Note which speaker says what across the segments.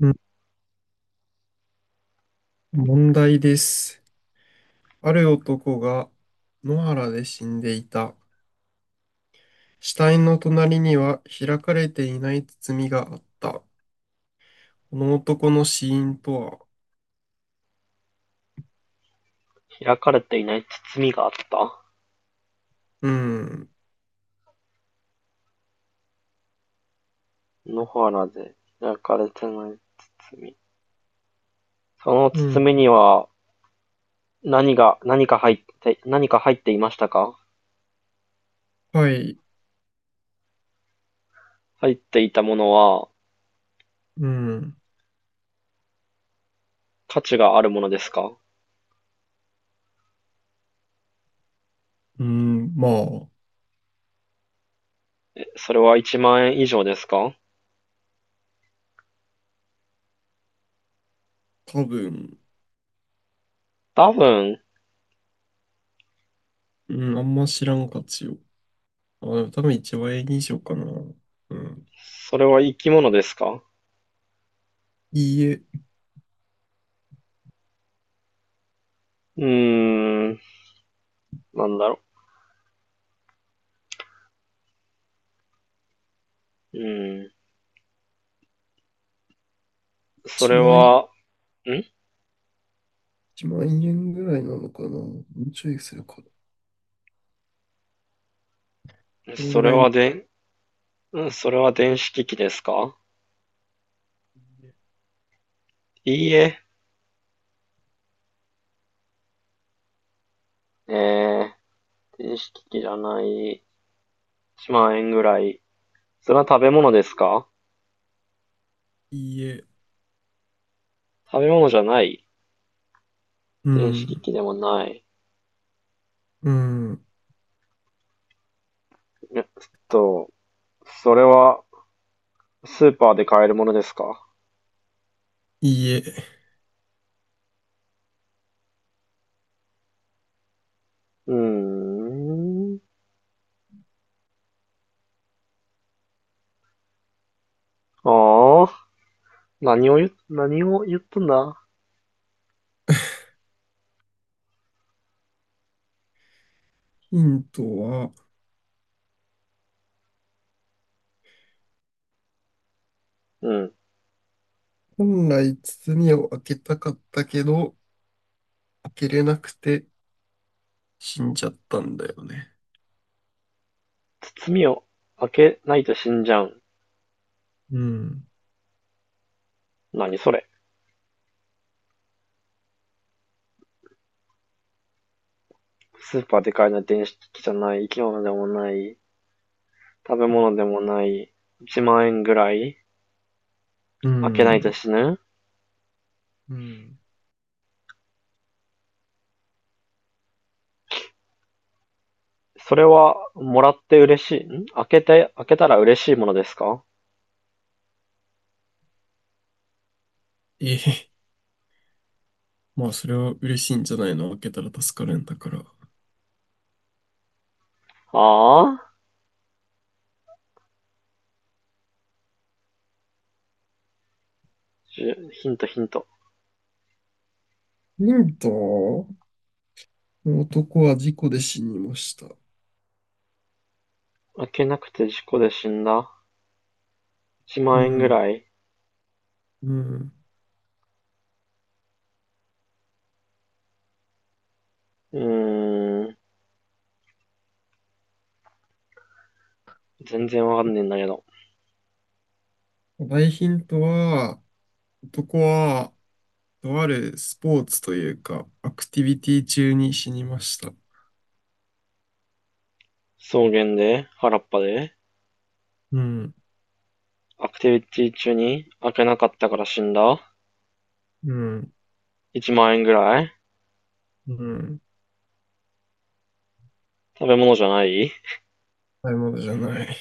Speaker 1: うん、問題です。ある男が野原で死んでいた。死体の隣には開かれていない包みがあった。この男の死因とは、
Speaker 2: 開かれていない包みがあった。
Speaker 1: うん、
Speaker 2: 野原で開かれてない包み。その
Speaker 1: うん、
Speaker 2: 包みには何か入っていましたか？
Speaker 1: はい、
Speaker 2: 入っていたものは
Speaker 1: うん、
Speaker 2: 価値があるものですか？
Speaker 1: うん、まあ、
Speaker 2: それは1万円以上ですか？
Speaker 1: 多分、
Speaker 2: 多分、
Speaker 1: うん、あんま知らんかちよ。あ、でも多分1万円以上かな。うん。
Speaker 2: それは生き物ですか？
Speaker 1: いいえ、
Speaker 2: うーん、なんだろう。そ
Speaker 1: 1
Speaker 2: れ
Speaker 1: 万、
Speaker 2: は、ん
Speaker 1: 1万円ぐらいなのかな。もうちょいするかな。こん
Speaker 2: そ
Speaker 1: ぐ
Speaker 2: れ
Speaker 1: らいの、
Speaker 2: はで、それは電子機器ですか？いいえ、えー、電子機器じゃない。1万円ぐらい。それは食べ物ですか？
Speaker 1: いいえ、
Speaker 2: 食べ物じゃない。
Speaker 1: う
Speaker 2: 電子機
Speaker 1: ん、
Speaker 2: 器でもない。
Speaker 1: うん。
Speaker 2: えっと、それはスーパーで買えるものですか？
Speaker 1: いいえ、
Speaker 2: うーん。ああ、何を言ったんだ？
Speaker 1: ヒントは、
Speaker 2: うん。
Speaker 1: 本来包を開けたかったけど、開けれなくて死んじゃったんだよね。
Speaker 2: 包みを開けないと死んじゃう。
Speaker 1: うん、
Speaker 2: 何それ。スーパーで買えない電子機器じゃない。生き物でもない。食べ物でもない。1万円ぐらい。
Speaker 1: う
Speaker 2: 開けないと
Speaker 1: ん、
Speaker 2: 死ぬ。
Speaker 1: うん。
Speaker 2: それは、もらって嬉しいん開けて、開けたら嬉しいものですか？
Speaker 1: ええ、まあそれは嬉しいんじゃないの。開けたら助かるんだから。
Speaker 2: ああ、ヒントヒント。
Speaker 1: ヒント。男は事故で死にました。
Speaker 2: 開けなくて事故で死んだ ?1
Speaker 1: う
Speaker 2: 万円ぐ
Speaker 1: ん、
Speaker 2: らい。
Speaker 1: うん。
Speaker 2: うーん。全然わかんねえんだけど。
Speaker 1: 大ヒントは、男は、とあるスポーツというか、アクティビティ中に死にました。
Speaker 2: 草原で、原っぱで、
Speaker 1: うん、
Speaker 2: アクティビティ中に開けなかったから死んだ
Speaker 1: うん、
Speaker 2: ?1 万円ぐらい。
Speaker 1: うん。
Speaker 2: 食べ物じゃない。
Speaker 1: 買い物じゃない。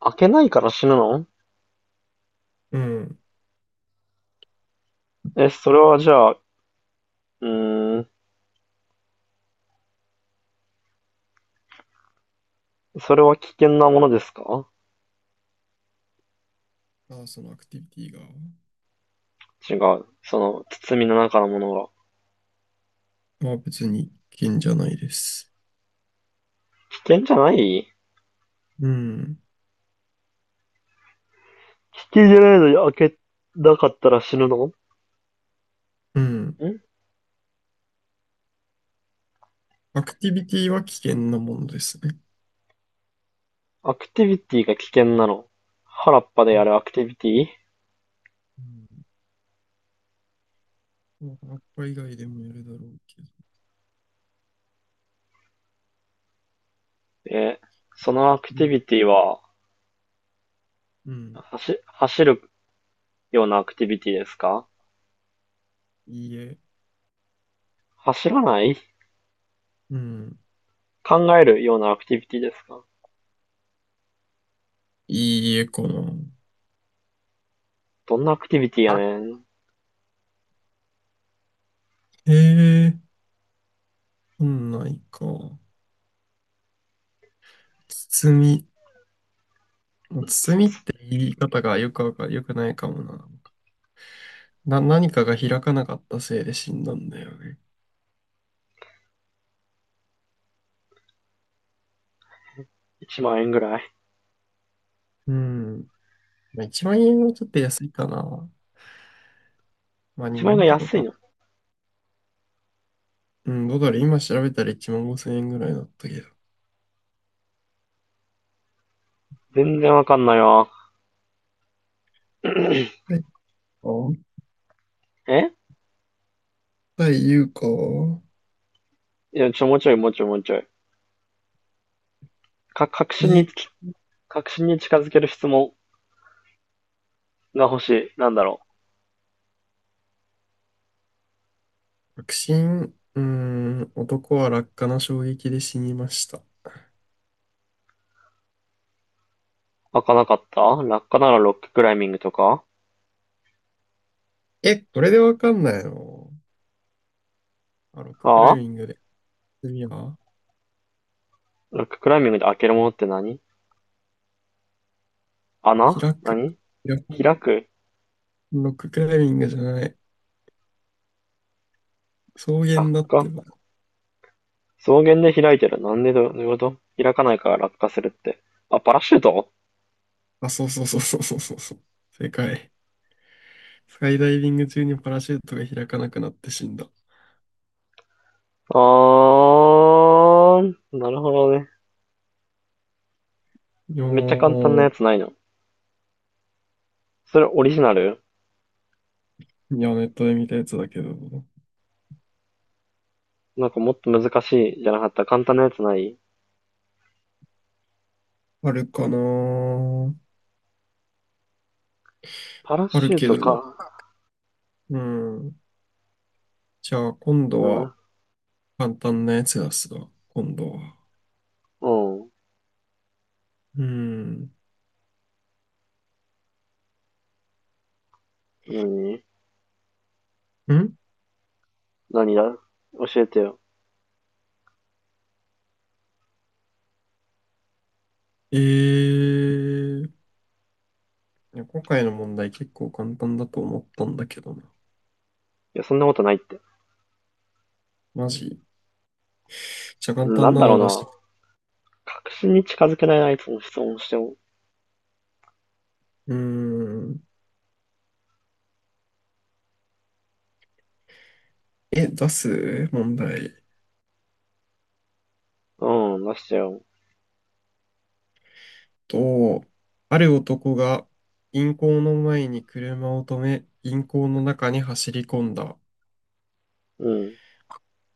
Speaker 2: 開けないから死ぬの？
Speaker 1: うん。
Speaker 2: え、それはじゃあ、ーん、それは危険なものですか？
Speaker 1: あ、そのアクティビティが、
Speaker 2: 違う。その、包みの中のものが。
Speaker 1: まあ別に危険じゃないです。
Speaker 2: 危険じゃない。
Speaker 1: うん。
Speaker 2: 危険じゃないのに開けなかったら死ぬのん？
Speaker 1: うん。アクティビティは危険なものですね。
Speaker 2: アクティビティが危険なの？原っぱでやるア
Speaker 1: う
Speaker 2: クティビティ？
Speaker 1: ん。うん。葉っぱ以外でもやるだろうけど。
Speaker 2: え、そのアクティ
Speaker 1: み
Speaker 2: ビティは、
Speaker 1: うん。
Speaker 2: 走るようなアクティビティですか？
Speaker 1: いいえ。
Speaker 2: 走らない。
Speaker 1: うん。
Speaker 2: 考えるようなアクティビティですか？
Speaker 1: いいえかな。
Speaker 2: どんなアクティビティや
Speaker 1: あ、
Speaker 2: ねん
Speaker 1: へえ、そんないか。包み。包みって言い方がよくないかもな。何かが開かなかったせいで死んだんだよね。
Speaker 2: ?1 万円ぐらい
Speaker 1: うん。まあ、1万円はちょっと安いかな。まあ
Speaker 2: ?1 万
Speaker 1: 2
Speaker 2: 円が
Speaker 1: 万とか
Speaker 2: 安い
Speaker 1: か。
Speaker 2: の？
Speaker 1: うん、どうだろう。今調べたら1万5千円ぐらいだったけど。
Speaker 2: 全然わかんないわ。
Speaker 1: はい。あ、
Speaker 2: え
Speaker 1: はい言うか。
Speaker 2: いや、もうちょい、もうちょい、もうちょい。か、確信に
Speaker 1: で、
Speaker 2: つき、確信に近づける質問が欲しい。なんだろう。
Speaker 1: 確信、うーん、男は落下の衝撃で死にました。
Speaker 2: 開かなかった落下ならロッククライミングとか。
Speaker 1: え、これでわかんないの。あ、ロッククライ
Speaker 2: あ
Speaker 1: ミ
Speaker 2: あ。
Speaker 1: ングで。次は、
Speaker 2: ロッククライミングで開けるものって何？穴？
Speaker 1: 開く。
Speaker 2: 何？
Speaker 1: 開かん。
Speaker 2: 開く？
Speaker 1: ロッククライミングじゃない。草
Speaker 2: 落
Speaker 1: 原だって
Speaker 2: 下？
Speaker 1: ば。
Speaker 2: 草原で開いてる。なんでど、ういうこと。開かないから落下するって。あ、パラシュート。
Speaker 1: あ、そうそうそうそうそうそうそう。正解。スカイダイビング中にパラシュートが開かなくなって死んだ。
Speaker 2: あー、なるほどね。
Speaker 1: いや
Speaker 2: めっちゃ簡単な
Speaker 1: ー、
Speaker 2: やつないの？それオリジナル？
Speaker 1: いや、ネットで見たやつだけど、
Speaker 2: なんかもっと難しいじゃなかった。簡単なやつない？
Speaker 1: あるかなー。
Speaker 2: パラ
Speaker 1: ある
Speaker 2: シュー
Speaker 1: け
Speaker 2: ト
Speaker 1: ど、
Speaker 2: か。
Speaker 1: うん。じゃあ、今度
Speaker 2: な
Speaker 1: は
Speaker 2: な。
Speaker 1: 簡単なやつ出すわ、今度は。
Speaker 2: うん。
Speaker 1: うん。ん、
Speaker 2: なになにだ、教えてよ。
Speaker 1: いや今回の問題結構簡単だと思ったんだけどな。
Speaker 2: いや、そんなことないって。
Speaker 1: マジ。じゃあ、簡
Speaker 2: な
Speaker 1: 単
Speaker 2: ん
Speaker 1: な
Speaker 2: だろう
Speaker 1: の出し
Speaker 2: な。
Speaker 1: て。
Speaker 2: 確信に近づけない相手の質問をしても、
Speaker 1: うん。え、出す問題。
Speaker 2: うん、出してよ。
Speaker 1: と、ある男が銀行の前に車を止め、銀行の中に走り込んだ。
Speaker 2: うん、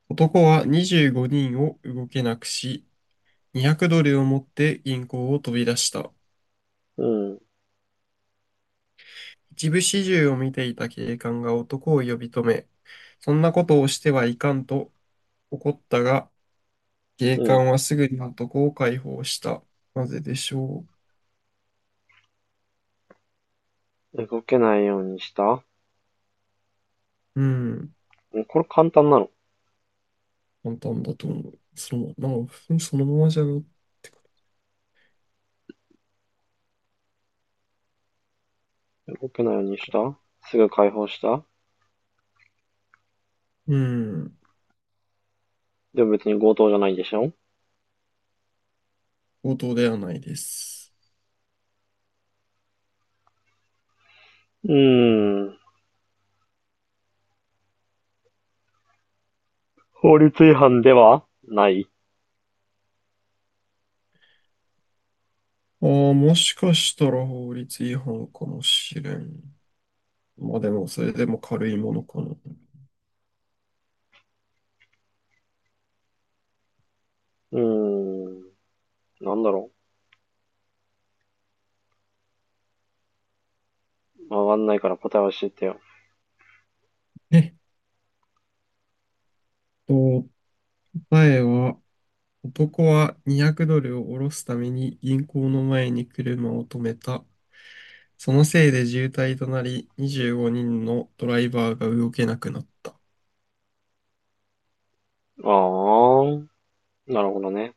Speaker 1: 男は25人を動けなくし、200ドルを持って銀行を飛び出した。
Speaker 2: うん、
Speaker 1: 一部始終を見ていた警官が男を呼び止め、そんなことをしてはいかんと怒ったが、警
Speaker 2: うん。
Speaker 1: 官はすぐに男を解放した。なぜでしょ
Speaker 2: 動けないようにした。
Speaker 1: う。うん、
Speaker 2: これ簡単なの？
Speaker 1: 簡単だと思う。その、なんか、普通にそのままじゃない。
Speaker 2: 動けないようにした。すぐ解放した。
Speaker 1: うん、
Speaker 2: でも別に強盗じゃないでしょ？
Speaker 1: 強盗ではないです。
Speaker 2: うーん。法律違反ではない。
Speaker 1: ああ、もしかしたら法律違反かもしれん。まあでも、それでも軽いものかな。
Speaker 2: うーん。なんだろう。わかんないから答え教えてよ。
Speaker 1: えっと、答えは、男は200ドルを下ろすために銀行の前に車を止めた。そのせいで渋滞となり、25人のドライバーが動けなくなった。
Speaker 2: あー。なるほどね。